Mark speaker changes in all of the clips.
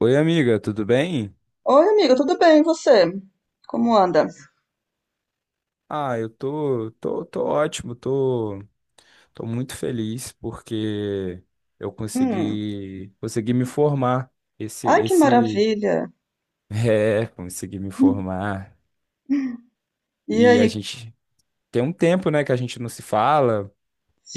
Speaker 1: Oi, amiga, tudo bem?
Speaker 2: Oi, amigo, tudo bem? E você? Como anda?
Speaker 1: Ah, eu tô ótimo, tô muito feliz porque eu
Speaker 2: Hum.
Speaker 1: consegui me formar. Esse,
Speaker 2: Ai, que
Speaker 1: esse,
Speaker 2: maravilha!
Speaker 1: é, consegui me
Speaker 2: Hum.
Speaker 1: formar.
Speaker 2: E
Speaker 1: E a
Speaker 2: aí?
Speaker 1: gente tem um tempo, né, que a gente não se fala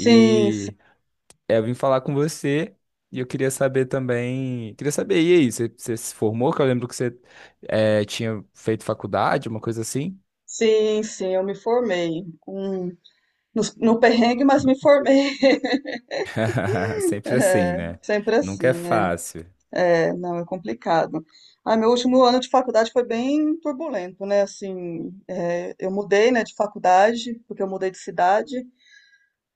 Speaker 2: Sim, sim,
Speaker 1: eu vim falar com você e eu queria saber também, queria saber, e aí, você se formou? Que eu lembro que você tinha feito faculdade, uma coisa assim.
Speaker 2: sim, sim, eu me formei. Hum. No perrengue, mas me formei.
Speaker 1: Sempre assim,
Speaker 2: É,
Speaker 1: né?
Speaker 2: sempre
Speaker 1: Nunca é
Speaker 2: assim,
Speaker 1: fácil.
Speaker 2: é. É, não, é complicado. Ah, meu último ano de faculdade foi bem turbulento, né? Assim, é, eu mudei, né, de faculdade, porque eu mudei de cidade.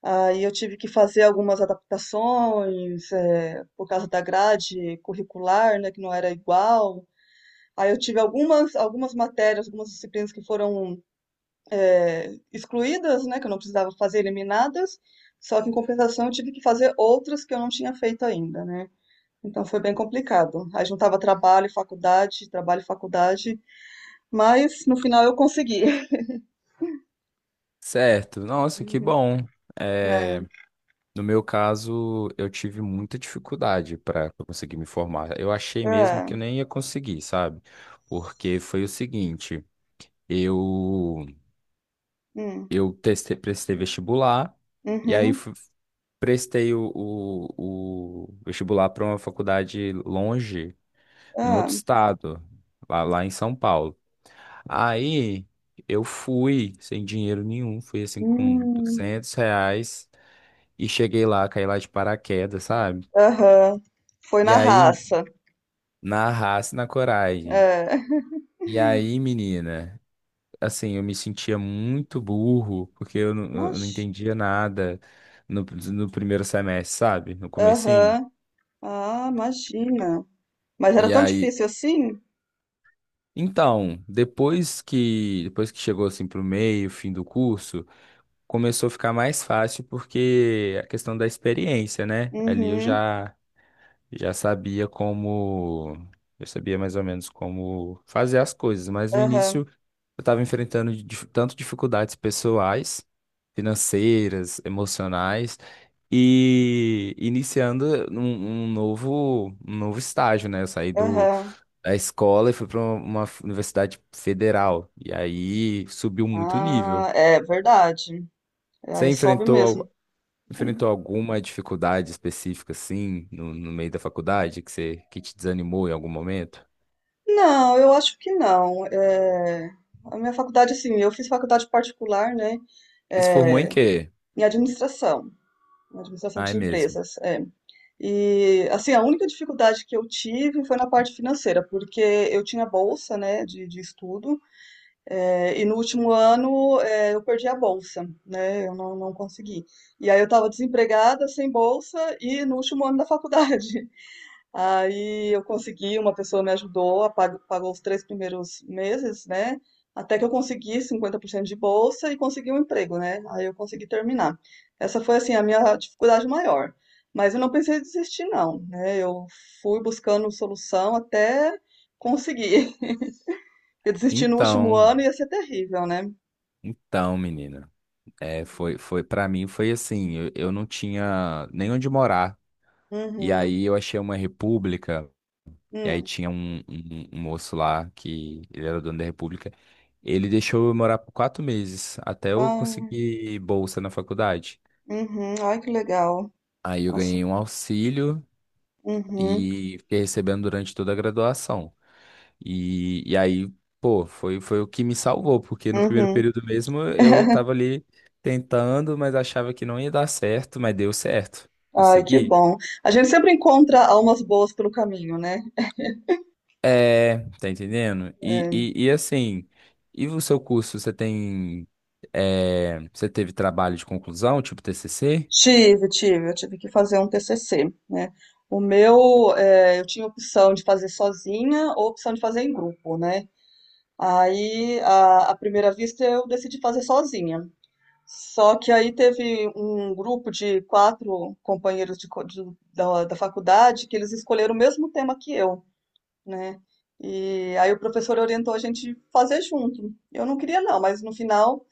Speaker 2: Aí eu tive que fazer algumas adaptações, é, por causa da grade curricular, né, que não era igual. Aí eu tive algumas matérias, algumas disciplinas que foram é, excluídas, né, que eu não precisava fazer, eliminadas, só que em compensação eu tive que fazer outras que eu não tinha feito ainda, né? Então foi bem complicado. Aí juntava trabalho, e faculdade, mas no final eu consegui.
Speaker 1: Certo, nossa, que
Speaker 2: Uhum.
Speaker 1: bom.
Speaker 2: É,
Speaker 1: É, no meu caso, eu tive muita dificuldade para conseguir me formar. Eu achei mesmo
Speaker 2: é,
Speaker 1: que eu nem ia conseguir, sabe? Porque foi o seguinte, eu
Speaker 2: hum,
Speaker 1: eu testei, prestei vestibular e aí
Speaker 2: uhum,
Speaker 1: prestei o vestibular para uma faculdade longe, em outro
Speaker 2: é,
Speaker 1: estado, lá em São Paulo. Aí eu fui sem dinheiro nenhum, fui assim com
Speaker 2: hum,
Speaker 1: R$ 200. E cheguei lá, caí lá de paraquedas, sabe?
Speaker 2: aham. Foi
Speaker 1: E
Speaker 2: na
Speaker 1: aí,
Speaker 2: raça.
Speaker 1: na raça e na coragem.
Speaker 2: É.
Speaker 1: E aí, menina, assim, eu me sentia muito burro, porque eu não
Speaker 2: Mas,
Speaker 1: entendia nada no, no primeiro semestre, sabe? No comecinho.
Speaker 2: aham. Ah, imagina. Mas era
Speaker 1: E
Speaker 2: tão
Speaker 1: aí,
Speaker 2: difícil assim?
Speaker 1: então, depois que chegou, assim, pro meio, fim do curso, começou a ficar mais fácil, porque a questão da experiência, né? Ali eu
Speaker 2: Uhum.
Speaker 1: já já sabia como. Eu sabia mais ou menos como fazer as coisas, mas no início
Speaker 2: Aham.
Speaker 1: eu estava enfrentando tanto dificuldades pessoais, financeiras, emocionais, e iniciando um novo estágio, né? Eu saí
Speaker 2: Aham.
Speaker 1: da escola e fui para uma universidade federal, e aí subiu muito o
Speaker 2: Ah,
Speaker 1: nível.
Speaker 2: é verdade. É,
Speaker 1: Você
Speaker 2: aí sobe mesmo.
Speaker 1: enfrentou alguma dificuldade específica, assim, no meio da faculdade, que, você, que te desanimou em algum momento?
Speaker 2: Não, eu acho que não. É, a minha faculdade, assim, eu fiz faculdade particular, né,
Speaker 1: Se formou em quê?
Speaker 2: em administração, em administração
Speaker 1: Ai,
Speaker 2: de
Speaker 1: mesmo.
Speaker 2: empresas. É. E, assim, a única dificuldade que eu tive foi na parte financeira, porque eu tinha bolsa, né, de estudo. É, e no último ano, é, eu perdi a bolsa, né? Eu não consegui. E aí eu estava desempregada, sem bolsa, e no último ano da faculdade. Aí eu consegui, uma pessoa me ajudou, pagou os 3 primeiros meses, né? Até que eu consegui 50% de bolsa e consegui um emprego, né? Aí eu consegui terminar. Essa foi, assim, a minha dificuldade maior. Mas eu não pensei em desistir, não, né? Eu fui buscando solução até conseguir. Porque desistir no último
Speaker 1: Então,
Speaker 2: ano ia ser terrível, né?
Speaker 1: então, menina, para mim foi assim, eu não tinha nem onde morar. E
Speaker 2: Uhum.
Speaker 1: aí eu achei uma república, e aí
Speaker 2: Hum.
Speaker 1: tinha um moço lá que ele era dono da república. Ele deixou eu morar por 4 meses, até eu
Speaker 2: Ah,
Speaker 1: conseguir bolsa na faculdade.
Speaker 2: uhum. Ai, que legal.
Speaker 1: Aí eu
Speaker 2: Nossa.
Speaker 1: ganhei um auxílio
Speaker 2: Uhum.
Speaker 1: e fiquei recebendo durante toda a graduação. E aí, pô, foi o que me salvou, porque no primeiro
Speaker 2: Uhum.
Speaker 1: período mesmo eu tava ali tentando, mas achava que não ia dar certo, mas deu certo.
Speaker 2: Ai, que
Speaker 1: Consegui.
Speaker 2: bom. A gente sempre encontra almas boas pelo caminho, né?
Speaker 1: É, tá entendendo? E,
Speaker 2: É,
Speaker 1: e, e assim, e o seu curso, você teve trabalho de conclusão, tipo TCC?
Speaker 2: tive, tive. Eu tive que fazer um TCC, né? O meu, é, eu tinha opção de fazer sozinha ou opção de fazer em grupo, né? Aí, à primeira vista, eu decidi fazer sozinha. Só que aí teve um grupo de quatro companheiros de, co- de- da, da faculdade que eles escolheram o mesmo tema que eu, né? E aí o professor orientou a gente fazer junto. Eu não queria não, mas no final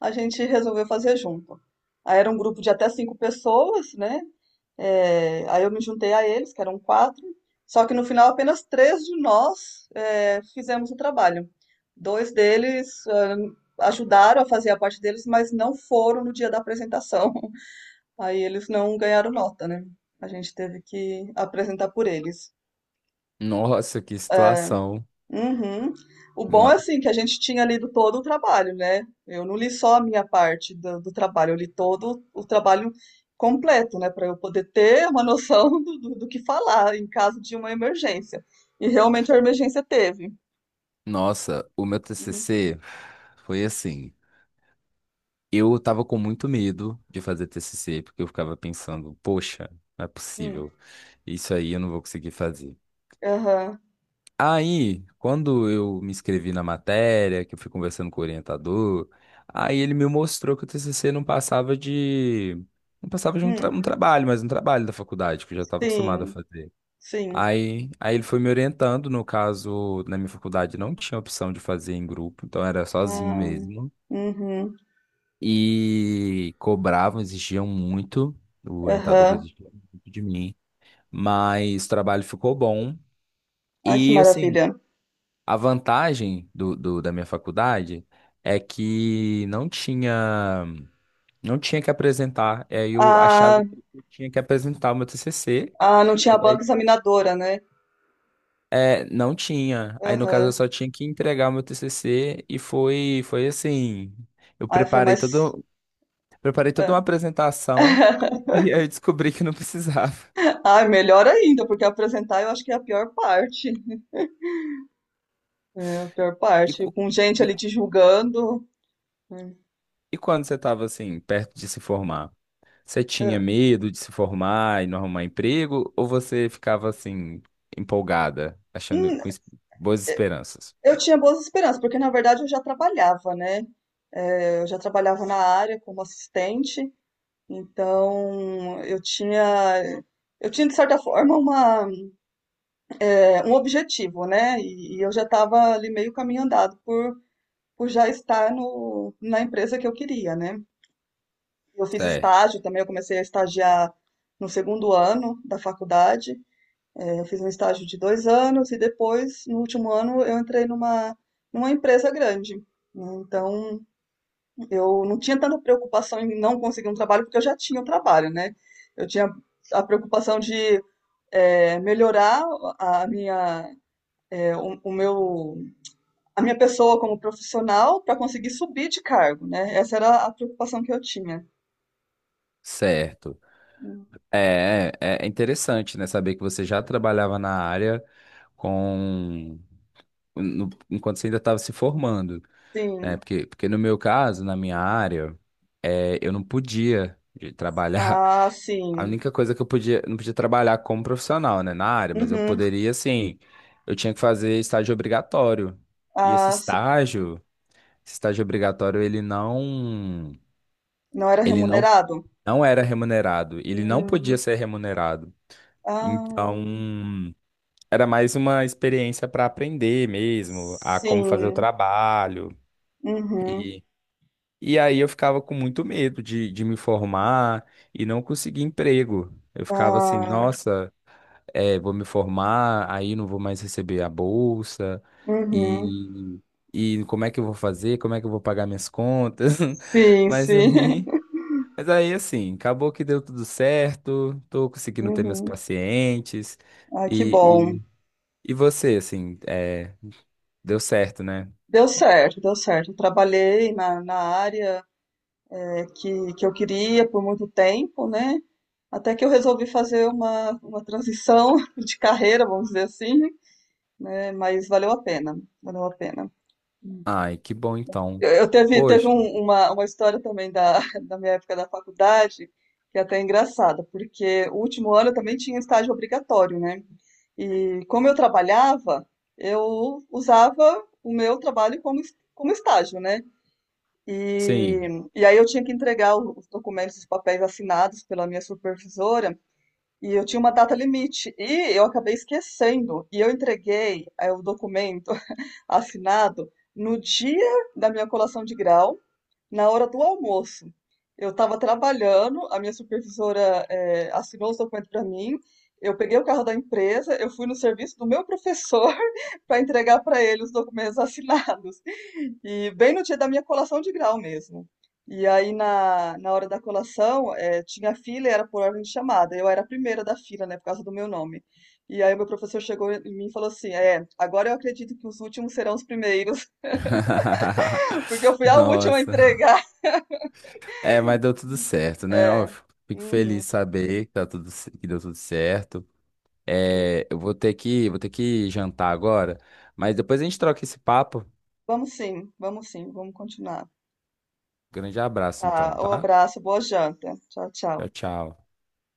Speaker 2: a gente resolveu fazer junto. Aí era um grupo de até cinco pessoas, né? É, aí eu me juntei a eles, que eram quatro. Só que no final apenas três de nós é, fizemos o trabalho. Dois deles ajudaram a fazer a parte deles, mas não foram no dia da apresentação. Aí eles não ganharam nota, né? A gente teve que apresentar por eles.
Speaker 1: Nossa, que situação.
Speaker 2: Uhum. O bom é
Speaker 1: Ma-
Speaker 2: assim que a gente tinha lido todo o trabalho, né? Eu não li só a minha parte do trabalho, eu li todo o trabalho completo, né? Para eu poder ter uma noção do que falar em caso de uma emergência. E realmente a emergência teve.
Speaker 1: Nossa, o meu
Speaker 2: Uhum.
Speaker 1: TCC foi assim. Eu tava com muito medo de fazer TCC, porque eu ficava pensando, poxa, não é
Speaker 2: Hum.
Speaker 1: possível, isso aí eu não vou conseguir fazer.
Speaker 2: Aham.
Speaker 1: Aí, quando eu me inscrevi na matéria, que eu fui conversando com o orientador, aí ele me mostrou que o TCC não passava de
Speaker 2: Hum.
Speaker 1: um trabalho, mas um trabalho da faculdade, que eu já estava acostumado a
Speaker 2: Sim,
Speaker 1: fazer.
Speaker 2: sim.
Speaker 1: Aí ele foi me orientando. No caso, na minha faculdade não tinha opção de fazer em grupo, então era sozinho
Speaker 2: Ah.
Speaker 1: mesmo.
Speaker 2: Uhum.
Speaker 1: E cobravam, exigiam muito, o orientador
Speaker 2: Aham.
Speaker 1: exigia muito de mim, mas o trabalho ficou bom.
Speaker 2: Ai, que
Speaker 1: E assim,
Speaker 2: maravilha.
Speaker 1: a vantagem da minha faculdade é que não tinha que apresentar. É, eu achava
Speaker 2: Ah,
Speaker 1: que eu tinha que apresentar o meu TCC,
Speaker 2: ah, não tinha
Speaker 1: mas
Speaker 2: banca
Speaker 1: aí,
Speaker 2: examinadora, né?
Speaker 1: Não tinha. Aí, no caso, eu
Speaker 2: Aham.
Speaker 1: só tinha que entregar o meu TCC e foi assim. Eu
Speaker 2: Ai, foi
Speaker 1: preparei
Speaker 2: mais.
Speaker 1: todo Preparei toda
Speaker 2: Ah.
Speaker 1: uma apresentação. E aí eu descobri que não precisava.
Speaker 2: Ah, melhor ainda, porque apresentar eu acho que é a pior parte. É a pior
Speaker 1: E,
Speaker 2: parte.
Speaker 1: cu-
Speaker 2: Com gente
Speaker 1: e,
Speaker 2: ali
Speaker 1: cu-
Speaker 2: te julgando. É.
Speaker 1: e quando você estava assim, perto de se formar, você tinha
Speaker 2: É.
Speaker 1: medo de se formar e não arrumar emprego? Ou você ficava assim, empolgada, achando
Speaker 2: Hum.
Speaker 1: com boas esperanças?
Speaker 2: Eu tinha boas esperanças, porque na verdade eu já trabalhava, né? É, eu já trabalhava na área como assistente, então eu tinha, de certa forma uma, é, um objetivo, né? E eu já estava ali meio caminho andado por já estar no, na empresa que eu queria, né? Eu fiz
Speaker 1: Certo,
Speaker 2: estágio também, eu comecei a estagiar no segundo ano da faculdade. É, eu fiz um estágio de 2 anos e depois, no último ano, eu entrei numa empresa grande. Né? Então, eu não tinha tanta preocupação em não conseguir um trabalho, porque eu já tinha um trabalho, né? Eu tinha a preocupação de é, melhorar a minha, é, o meu, a minha pessoa como profissional para conseguir subir de cargo, né? Essa era a preocupação que eu tinha.
Speaker 1: certo. É interessante, né? Saber que você já trabalhava na área com, no- enquanto você ainda estava se formando. É,
Speaker 2: Sim,
Speaker 1: porque no meu caso, na minha área, eu não podia de trabalhar.
Speaker 2: ah,
Speaker 1: A
Speaker 2: sim.
Speaker 1: única coisa não podia trabalhar como profissional, né, na área, mas eu
Speaker 2: Uhum.
Speaker 1: poderia, assim, eu tinha que fazer estágio obrigatório. E
Speaker 2: Ah, sim.
Speaker 1: esse estágio obrigatório, ele
Speaker 2: Não era
Speaker 1: ele não,
Speaker 2: remunerado?
Speaker 1: não era remunerado, ele não podia
Speaker 2: Hum.
Speaker 1: ser remunerado.
Speaker 2: Ah,
Speaker 1: Então, era mais uma experiência para aprender mesmo, a como fazer o
Speaker 2: sim.
Speaker 1: trabalho.
Speaker 2: Uhum.
Speaker 1: E aí eu ficava com muito medo de me formar e não conseguir emprego. Eu ficava assim,
Speaker 2: Ah,
Speaker 1: nossa, vou me formar, aí não vou mais receber a bolsa,
Speaker 2: uhum.
Speaker 1: e, e como é que eu vou fazer? Como é que eu vou pagar minhas contas?
Speaker 2: Sim,
Speaker 1: Mas
Speaker 2: sim.
Speaker 1: aí, mas aí assim, acabou que deu tudo certo, tô conseguindo ter meus
Speaker 2: Uhum.
Speaker 1: pacientes,
Speaker 2: Ah, que
Speaker 1: e,
Speaker 2: bom.
Speaker 1: e, e você, assim, deu certo, né?
Speaker 2: Deu certo, deu certo. Trabalhei na área que eu queria por muito tempo, né? Até que eu resolvi fazer uma transição de carreira, vamos dizer assim, né? Mas valeu a pena, valeu a pena.
Speaker 1: Ai, que bom então.
Speaker 2: Eu teve, teve
Speaker 1: Poxa,
Speaker 2: um- uma, uma história também da, da minha época da faculdade, que é até engraçada, porque o último ano eu também tinha estágio obrigatório, né? E como eu trabalhava, eu usava o meu trabalho como estágio, né?
Speaker 1: sim.
Speaker 2: E, e aí eu tinha que entregar os documentos, os papéis assinados pela minha supervisora, e eu tinha uma data limite, e eu acabei esquecendo, e eu entreguei o documento assinado no dia da minha colação de grau, na hora do almoço. Eu estava trabalhando, a minha supervisora assinou os documentos para mim. Eu peguei o carro da empresa, eu fui no serviço do meu professor para entregar para ele os documentos assinados. E bem no dia da minha colação de grau mesmo. E aí, na hora da colação, tinha fila e era por ordem de chamada. Eu era a primeira da fila, né, por causa do meu nome. E aí, meu professor chegou em mim e falou assim: É, agora eu acredito que os últimos serão os primeiros, porque eu fui a última a
Speaker 1: Nossa.
Speaker 2: entregar.
Speaker 1: É, mas deu tudo certo, né? Ó,
Speaker 2: É.
Speaker 1: fico
Speaker 2: Uhum.
Speaker 1: feliz de saber que deu tudo certo. É, eu vou ter que jantar agora, mas depois a gente troca esse papo.
Speaker 2: Vamos sim, vamos sim, vamos continuar.
Speaker 1: Grande abraço, então,
Speaker 2: Tá, um
Speaker 1: tá?
Speaker 2: abraço, boa janta. Tchau,
Speaker 1: Tchau,
Speaker 2: tchau.
Speaker 1: tchau.